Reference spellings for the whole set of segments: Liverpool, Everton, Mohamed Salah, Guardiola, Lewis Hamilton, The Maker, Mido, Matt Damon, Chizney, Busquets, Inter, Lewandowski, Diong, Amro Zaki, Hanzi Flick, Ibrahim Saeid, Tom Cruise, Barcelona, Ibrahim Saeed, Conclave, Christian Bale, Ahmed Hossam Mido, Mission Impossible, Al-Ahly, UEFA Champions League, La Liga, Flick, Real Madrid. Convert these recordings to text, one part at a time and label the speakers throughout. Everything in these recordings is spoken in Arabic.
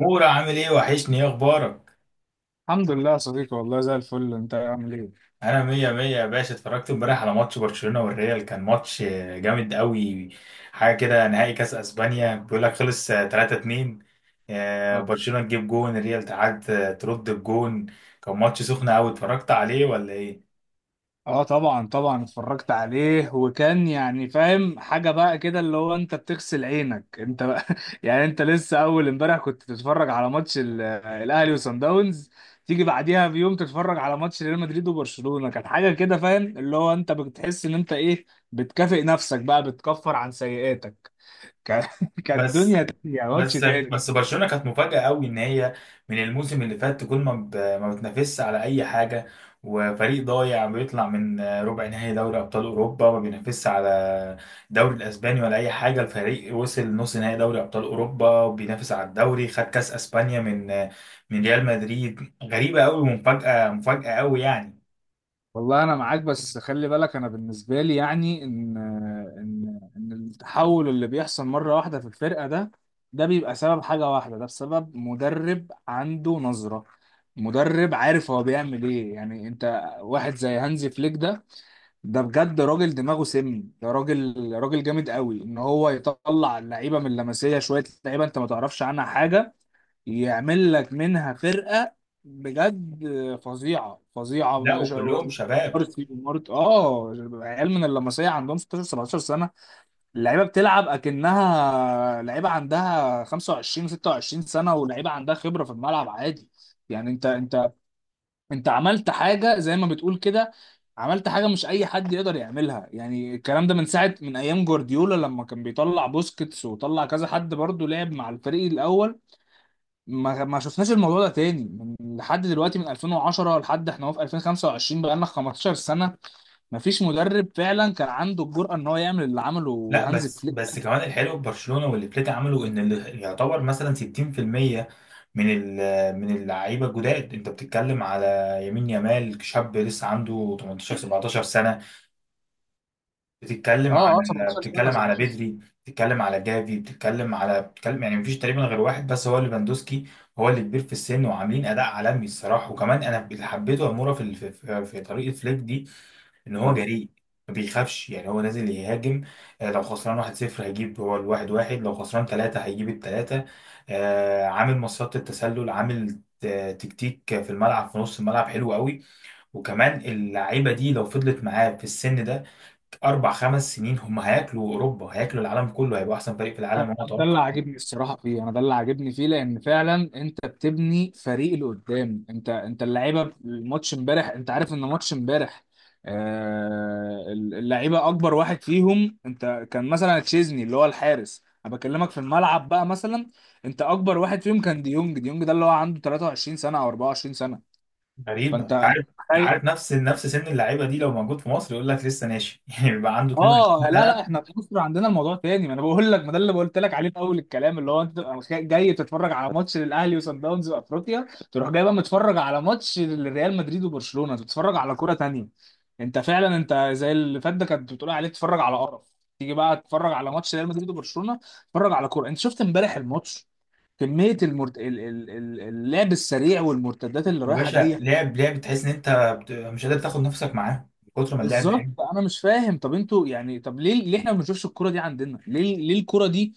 Speaker 1: مورا، عامل ايه؟ وحشني، ايه اخبارك؟
Speaker 2: الحمد لله يا صديقي، والله زي الفل. انت عامل ايه؟
Speaker 1: انا مية مية يا باشا. اتفرجت امبارح على ماتش برشلونة والريال، كان ماتش جامد قوي. حاجة كده نهائي كاس اسبانيا، بيقول لك خلص 3-2.
Speaker 2: اه
Speaker 1: برشلونة تجيب جون الريال تعاد، ترد الجون. كان ماتش سخن قوي، اتفرجت عليه ولا ايه؟
Speaker 2: اه، طبعا طبعا اتفرجت عليه، وكان يعني فاهم حاجه بقى كده، اللي هو انت بتغسل عينك انت بقى يعني انت لسه اول امبارح كنت تتفرج على ماتش الاهلي وصن داونز، تيجي بعديها بيوم تتفرج على ماتش ريال مدريد وبرشلونه. كانت حاجه كده، فاهم اللي هو انت بتحس ان انت ايه، بتكافئ نفسك بقى، بتكفر عن سيئاتك. كانت كانت
Speaker 1: بس
Speaker 2: دنيا تانية، ماتش
Speaker 1: بس
Speaker 2: تاني.
Speaker 1: بس برشلونه كانت مفاجاه قوي، ان هي من الموسم اللي فات كل ما ب- ما بتنافسش على اي حاجه، وفريق ضايع بيطلع من ربع نهائي دوري ابطال اوروبا، ما بينافسش على الدوري الاسباني ولا اي حاجه. الفريق وصل نص نهائي دوري ابطال اوروبا، وبينافس على الدوري، خد كاس اسبانيا من ريال مدريد. غريبه قوي، ومفاجاه مفاجاه قوي يعني.
Speaker 2: والله انا معاك، بس خلي بالك، انا بالنسبه لي يعني ان التحول اللي بيحصل مره واحده في الفرقه ده، ده بيبقى سبب حاجه واحده، ده بسبب مدرب عنده نظره، مدرب عارف هو بيعمل ايه. يعني انت واحد زي هانزي فليك ده، ده بجد راجل دماغه سم، ده راجل، راجل جامد قوي، ان هو يطلع اللعيبه من اللمسيه، شويه لعيبه انت ما تعرفش عنها حاجه، يعمل لك منها فرقة. بجد فظيعة فظيعة،
Speaker 1: لا،
Speaker 2: ما شاء.
Speaker 1: وكلهم شباب.
Speaker 2: مارتي ومارت، عيال من اللمسية عندهم 16 17 سنة، اللعيبة بتلعب اكنها لعيبة عندها 25 26 سنة، ولعيبة عندها خبرة في الملعب عادي. يعني انت، انت عملت حاجة زي ما بتقول كده، عملت حاجة مش أي حد يقدر يعملها. يعني الكلام ده من ساعة، من أيام جوارديولا، لما كان بيطلع بوسكيتس، وطلع كذا حد برضه لعب مع الفريق الأول. ما شفناش الموضوع ده تاني من لحد دلوقتي، من 2010 لحد احنا اهو في 2025، بقى لنا 15 سنه ما فيش مدرب فعلا كان عنده الجرأه ان هو يعمل اللي عمله
Speaker 1: لا،
Speaker 2: هانز
Speaker 1: بس
Speaker 2: فليك.
Speaker 1: بس كمان الحلو في برشلونه واللي فليك عمله، ان اللي يعتبر مثلا 60% من اللعيبه الجداد. انت بتتكلم على يمين يامال، شاب لسه عنده 18 17 سنه. بتتكلم
Speaker 2: اه اه،
Speaker 1: على
Speaker 2: 17 سنه،
Speaker 1: بتتكلم على
Speaker 2: 17.
Speaker 1: بدري، بتتكلم على جافي، بتتكلم يعني مفيش تقريبا غير واحد بس هو ليفاندوسكي. هو اللي كبير في السن، وعاملين اداء عالمي الصراحه. وكمان انا اللي حبيته اموره في الف- في في في طريقه فليك دي، ان هو جريء، ما بيخافش، يعني هو نازل يهاجم. لو خسران 1-0 هيجيب هو الواحد واحد، لو خسران ثلاثة هيجيب الثلاثة. عامل مصيدة التسلل، تكتيك في الملعب، في نص الملعب حلو قوي. وكمان اللعيبة دي لو فضلت معاه في السن ده أربع خمس سنين، هم هياكلوا أوروبا، هياكلوا العالم كله، هيبقوا أحسن فريق في
Speaker 2: انا
Speaker 1: العالم، وأنا
Speaker 2: أنا ده اللي
Speaker 1: أتوقع
Speaker 2: عاجبني الصراحه فيه، انا ده اللي عاجبني فيه لان فعلا انت بتبني فريق اللي قدام. انت اللعيبه في الماتش امبارح، انت عارف ان ماتش امبارح، اللعيبه اكبر واحد فيهم، انت كان مثلا تشيزني اللي هو الحارس، انا بكلمك في الملعب بقى. مثلا انت اكبر واحد فيهم كان ديونج، ده اللي هو عنده 23 سنه او 24 سنه.
Speaker 1: غريبة،
Speaker 2: فانت
Speaker 1: أنت
Speaker 2: انت
Speaker 1: عارف. عارف نفس سن اللعيبة دي، لو موجود في مصر يقول لك لسه ناشئ يعني بيبقى عنده 22.
Speaker 2: اه، لا لا، احنا في مصر عندنا الموضوع تاني. ما انا بقول لك، ما ده اللي قلت لك عليه في اول الكلام، اللي هو انت تبقى جاي تتفرج على ماتش للاهلي وصن داونز وافريقيا، تروح جاي بقى متفرج على ماتش لريال مدريد وبرشلونه، تتفرج على كوره تانية. انت فعلا انت زي اللي فات ده كانت بتقول عليه تتفرج على قرف، تيجي بقى تتفرج على ماتش ريال مدريد وبرشلونه، تتفرج على كوره. انت شفت امبارح الماتش، كميه المرت... ال- ال- ال- اللعب السريع والمرتدات اللي
Speaker 1: يا
Speaker 2: رايحه
Speaker 1: باشا،
Speaker 2: جايه.
Speaker 1: لعب، لعب تحس ان انت مش قادر تاخد نفسك معاه من كتر ما اللعب حلو.
Speaker 2: بالظبط، انا مش فاهم. طب انتوا يعني، طب ليه احنا ما بنشوفش الكرة دي عندنا؟ ليه، ليه الكرة دي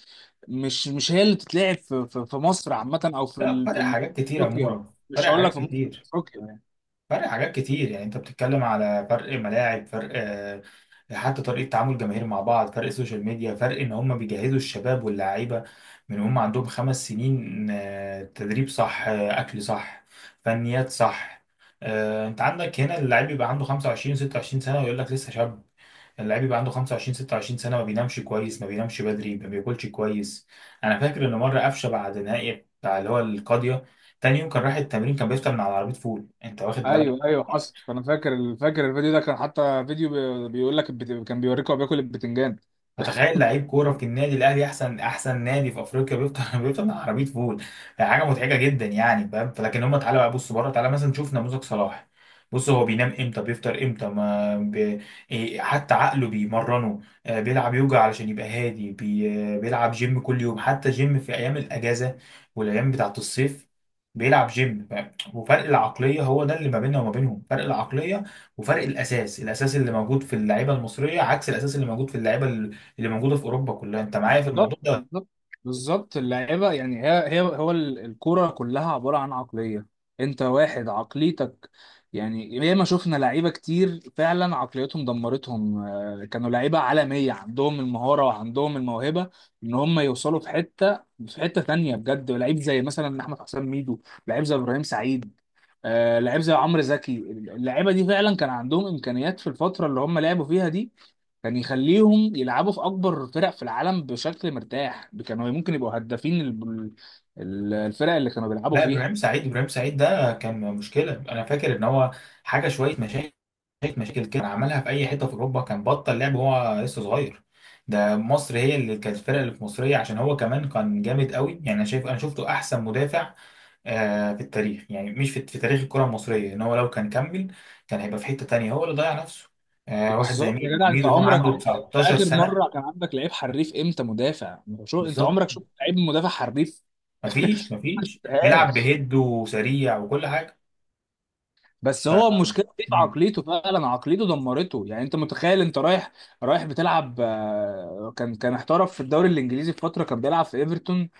Speaker 2: مش هي اللي بتتلعب في مصر عامة، او في
Speaker 1: لا،
Speaker 2: ال... في
Speaker 1: فرق
Speaker 2: ال-
Speaker 1: حاجات كتير يا
Speaker 2: افريقيا؟
Speaker 1: مورا،
Speaker 2: مش
Speaker 1: فرق
Speaker 2: هقول لك
Speaker 1: حاجات
Speaker 2: في مصر، في
Speaker 1: كتير.
Speaker 2: افريقيا يعني.
Speaker 1: فرق حاجات كتير، يعني انت بتتكلم على فرق ملاعب، فرق، حتى طريقة تعامل الجماهير مع بعض، فرق السوشيال ميديا، فرق ان هم بيجهزوا الشباب واللعيبة من هم عندهم خمس سنين. تدريب صح، اكل صح، فنيات صح. انت عندك هنا اللعيب بيبقى عنده 25 26 سنة، ويقول لك لسه شاب. اللاعب يبقى عنده 25 26 سنه، ما بينامش كويس، ما بينامش بدري، ما بياكلش كويس. انا فاكر ان مره قفشه بعد نهائي بتاع اللي هو القاضيه، تاني يوم كان رايح التمرين، كان بيفطر من على عربيه فول، انت واخد بالك؟
Speaker 2: ايوه ايوه، حصل، انا فاكر، فاكر الفيديو ده. كان حتى فيديو بيقول لك، كان بيوريكوا هو بياكل البتنجان.
Speaker 1: فتخيل لعيب كوره في النادي الاهلي، احسن احسن نادي في افريقيا، بيفطر بيفطر مع عربيه فول. حاجه مضحكه جدا، يعني فاهم؟ فلكن هم، تعالى بقى بص بره، تعالى مثلا نشوف نموذج صلاح. بص، هو بينام امتى، بيفطر امتى، ما بي... إيه، حتى عقله بيمرنه. بيلعب يوجا علشان يبقى هادي، بي... آه، بيلعب جيم كل يوم، حتى جيم في ايام الاجازه والايام بتاعت الصيف بيلعب جيم، فاهم؟ وفرق العقليه، هو ده اللي ما بيننا وما بينهم، فرق العقليه وفرق الاساس، الاساس اللي موجود في اللعيبه المصريه عكس الاساس اللي موجود في اللعيبه اللي موجوده في اوروبا كلها، انت معايا في
Speaker 2: بالظبط،
Speaker 1: الموضوع ده؟
Speaker 2: بالظبط، بالظبط. اللعيبه، يعني الكوره كلها عباره عن عقليه. انت واحد عقليتك، يعني ياما شفنا لعيبه كتير فعلا عقليتهم دمرتهم. كانوا لعيبه عالميه، عندهم المهاره وعندهم الموهبه ان هم يوصلوا في حته تانيه. بجد، لعيب زي مثلا احمد حسام ميدو، لعيب زي ابراهيم سعيد، لعيب زي عمرو زكي. اللعيبه دي فعلا كان عندهم امكانيات في الفتره اللي هم لعبوا فيها دي، كان يخليهم يلعبوا في اكبر فرق في العالم بشكل مرتاح، كانوا ممكن يبقوا هدافين الفرق اللي كانوا بيلعبوا
Speaker 1: لا،
Speaker 2: فيها.
Speaker 1: ابراهيم سعيد ده كان مشكله، انا فاكر ان هو حاجه شويه مشاكل، شويه مشاكل كده كان عملها. في اي حته في اوروبا كان بطل، لعب وهو لسه صغير. ده مصر هي اللي كانت الفرقه اللي في مصريه، عشان هو كمان كان جامد قوي. يعني انا شايف، انا شفته احسن مدافع في التاريخ، يعني مش في تاريخ الكره المصريه، ان هو لو كان كمل كان هيبقى في حته تانيه، هو اللي ضيع نفسه. واحد زي
Speaker 2: بالظبط يا
Speaker 1: ميدو
Speaker 2: جدع، انت
Speaker 1: ميدو هو
Speaker 2: عمرك،
Speaker 1: عنده
Speaker 2: انت
Speaker 1: 19
Speaker 2: اخر
Speaker 1: سنه.
Speaker 2: مره كان عندك لعيب حريف امتى، مدافع؟ شو انت
Speaker 1: بالظبط،
Speaker 2: عمرك شفت لعيب مدافع حريف؟
Speaker 1: مفيش بيلعب
Speaker 2: مشفتهاش.
Speaker 1: بهيد وسريع وكل حاجه.
Speaker 2: بس
Speaker 1: ف
Speaker 2: هو المشكله دي في
Speaker 1: مم.
Speaker 2: عقليته، فعلا عقليته دمرته. يعني انت متخيل، انت رايح، بتلعب، كان، احترف في الدوري الانجليزي، في فتره كان بيلعب في ايفرتون.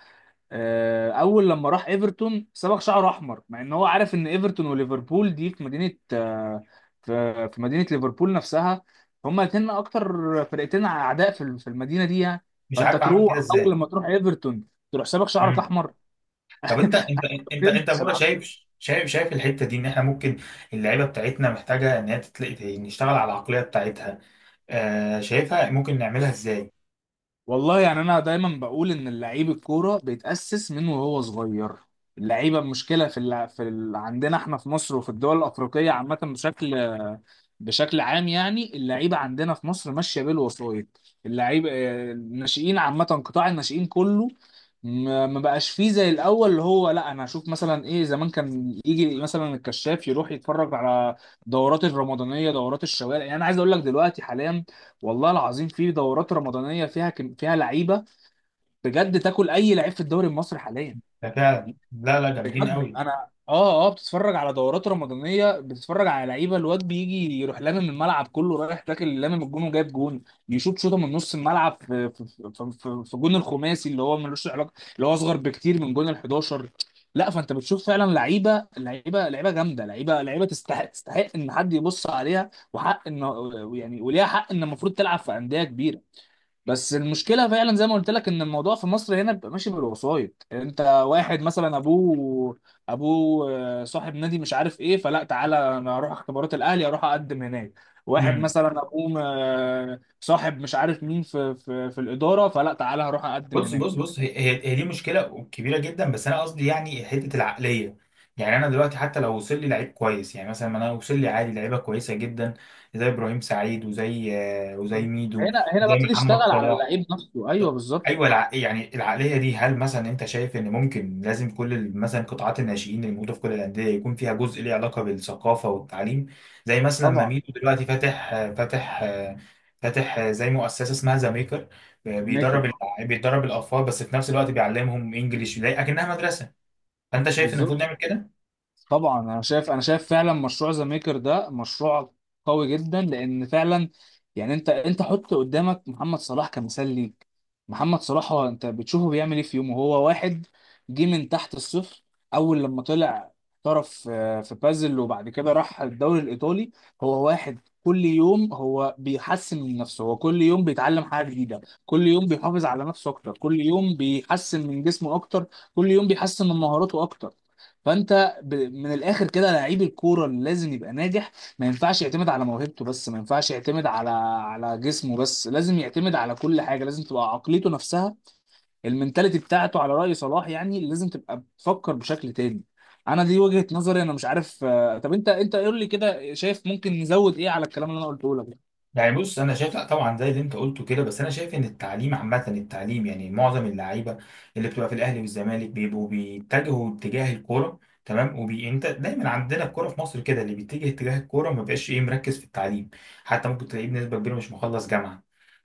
Speaker 2: اول لما راح ايفرتون صبغ شعره احمر، مع ان هو عارف ان ايفرتون وليفربول دي في مدينه، في مدينه ليفربول نفسها. هما الاثنين اكتر فرقتين اعداء في المدينه دي يعني،
Speaker 1: مش
Speaker 2: فانت
Speaker 1: عارف اعمل كده
Speaker 2: تروح، اول
Speaker 1: ازاي.
Speaker 2: لما تروح ايفرتون تروح صبغ شعرك
Speaker 1: مم.
Speaker 2: احمر.
Speaker 1: طب انت يا
Speaker 2: تلبس
Speaker 1: مورا، شايف
Speaker 2: العقلية.
Speaker 1: شايف شايف الحته دي، ان احنا ممكن اللعيبه بتاعتنا محتاجه ان هي تتلاقي، نشتغل على العقليه بتاعتها؟ شايفها ممكن نعملها ازاي؟
Speaker 2: والله يعني انا دايما بقول ان اللعيب الكوره بيتاسس من وهو صغير. اللعيبه، المشكله في اللع... في ال... عندنا احنا في مصر وفي الدول الافريقيه عامه، بشكل عام يعني، اللعيبه عندنا في مصر ماشيه بالوسائط. اللعيبه، الناشئين عامه، قطاع الناشئين كله ما بقاش فيه زي الاول، اللي هو لا انا هشوف مثلا ايه. زمان كان يجي مثلا الكشاف يروح يتفرج على دورات الرمضانيه، دورات الشوارع. يعني انا عايز اقول لك دلوقتي حاليا، والله العظيم في دورات رمضانيه فيها فيها لعيبه بجد تاكل اي لعيب في الدوري المصري حاليا.
Speaker 1: ده فعلا، لا لا، جامدين
Speaker 2: بجد
Speaker 1: قوي.
Speaker 2: انا، بتتفرج على دورات رمضانيه، بتتفرج على لعيبه، الواد بيجي يروح لامم الملعب كله، رايح تاكل لامم الجون وجايب جون، يشوط شوطه من نص الملعب في جون الخماسي اللي هو ملوش علاقه، اللي هو اصغر بكتير من جون ال 11. لا، فانت بتشوف فعلا لعيبه، لعيبه، لعيبه جامده، لعيبه، لعيبه تستحق، تستحق ان حد يبص عليها، وحق ان، يعني وليها حق ان المفروض تلعب في انديه كبيره. بس المشكله فعلا زي ما قلت لك، ان الموضوع في مصر هنا بيبقى ماشي بالوسايط. انت واحد مثلا ابوه، ابوه صاحب نادي، مش عارف ايه، فلا تعالى انا اروح اختبارات الاهلي، اروح اقدم هناك. واحد
Speaker 1: مم.
Speaker 2: مثلا ابوه، صاحب مش عارف مين في في الاداره، فلا تعالى هروح اقدم
Speaker 1: بص
Speaker 2: هناك.
Speaker 1: بص بص هي دي مشكله كبيره جدا، بس انا قصدي يعني حته العقليه. يعني انا دلوقتي حتى لو وصل لي لعيب كويس، يعني مثلا ما انا وصل لي عادي لعيبه كويسه جدا، زي ابراهيم سعيد، وزي ميدو،
Speaker 2: هنا بقى
Speaker 1: وزي محمد
Speaker 2: تشتغل على
Speaker 1: صلاح.
Speaker 2: اللعيب نفسه، ايوه
Speaker 1: طب-
Speaker 2: بالظبط.
Speaker 1: ايوه، يعني العقليه دي، هل مثلا انت شايف ان ممكن لازم كل مثلا قطاعات الناشئين اللي موجوده في كل الانديه، يكون فيها جزء ليه علاقه بالثقافه والتعليم؟ زي مثلا ما
Speaker 2: طبعا.
Speaker 1: ميدو دلوقتي فاتح فاتح زي مؤسسه اسمها ذا ميكر،
Speaker 2: ميكرا.
Speaker 1: بيدرب الاطفال، بس في نفس الوقت بيعلمهم انجليش زي اكنها مدرسه. فانت شايف ان
Speaker 2: بالظبط.
Speaker 1: المفروض نعمل كده؟
Speaker 2: طبعا انا شايف، فعلا مشروع ذا ميكر ده مشروع قوي جدا، لان فعلا يعني انت حط قدامك محمد صلاح كمثال ليك. محمد صلاح، هو انت بتشوفه بيعمل ايه في يومه؟ هو واحد جه من تحت الصفر، اول لما طلع احترف في بازل، وبعد كده راح الدوري الايطالي. هو واحد كل يوم هو بيحسن من نفسه، هو كل يوم بيتعلم حاجه جديده، كل يوم بيحافظ على نفسه اكتر، كل يوم بيحسن من جسمه اكتر، كل يوم بيحسن من مهاراته اكتر. فانت من الاخر كده، لعيب الكوره اللي لازم يبقى ناجح ما ينفعش يعتمد على موهبته بس، ما ينفعش يعتمد على جسمه بس، لازم يعتمد على كل حاجه، لازم تبقى عقليته نفسها، المنتاليتي بتاعته على راي صلاح، يعني لازم تبقى بتفكر بشكل تاني. انا دي وجهه نظري، انا مش عارف. طب انت، قول لي كده، شايف ممكن نزود ايه على الكلام اللي انا قلته لك ده؟
Speaker 1: يعني بص، انا شايف لا طبعا زي اللي انت قلته كده، بس انا شايف ان التعليم عامه، التعليم يعني معظم اللعيبه اللي بتبقى في الاهلي والزمالك بيبقوا بيتجهوا اتجاه الكوره تمام، انت دايما عندنا الكوره في مصر كده، اللي بيتجه اتجاه الكوره ما بقاش ايه مركز في التعليم. حتى ممكن تلاقيه بنسبه كبيره مش مخلص جامعه.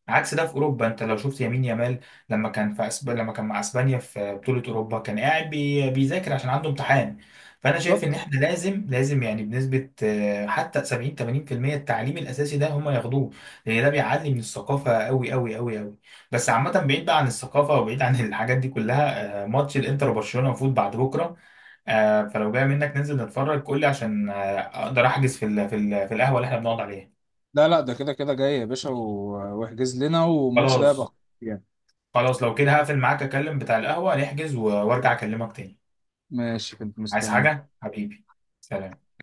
Speaker 1: عكس ده في اوروبا، انت لو شفت يمين يامال لما كان مع اسبانيا في بطوله اوروبا، كان قاعد بيذاكر عشان عنده امتحان. فانا شايف ان
Speaker 2: بالظبط.
Speaker 1: احنا لازم، يعني بنسبه حتى 70 80% التعليم الاساسي ده هم ياخدوه، لان ده بيعلي من الثقافه قوي قوي قوي قوي. بس عامه، بعيد بقى عن الثقافه وبعيد عن الحاجات دي كلها. ماتش الانتر وبرشلونه المفروض بعد بكره، فلو جاي منك ننزل نتفرج، قول لي عشان اقدر احجز في القهوه اللي احنا بنقعد عليها.
Speaker 2: لا لا، ده كده كده جاي يا باشا، واحجز لنا. والماتش ده يبقى
Speaker 1: خلاص.
Speaker 2: خطير يعني.
Speaker 1: خلاص، لو كده هقفل معاك، اكلم بتاع القهوه نحجز، وارجع اكلمك تاني.
Speaker 2: ماشي، كنت
Speaker 1: عايز
Speaker 2: مستني.
Speaker 1: حاجه حبيبي؟ سلام.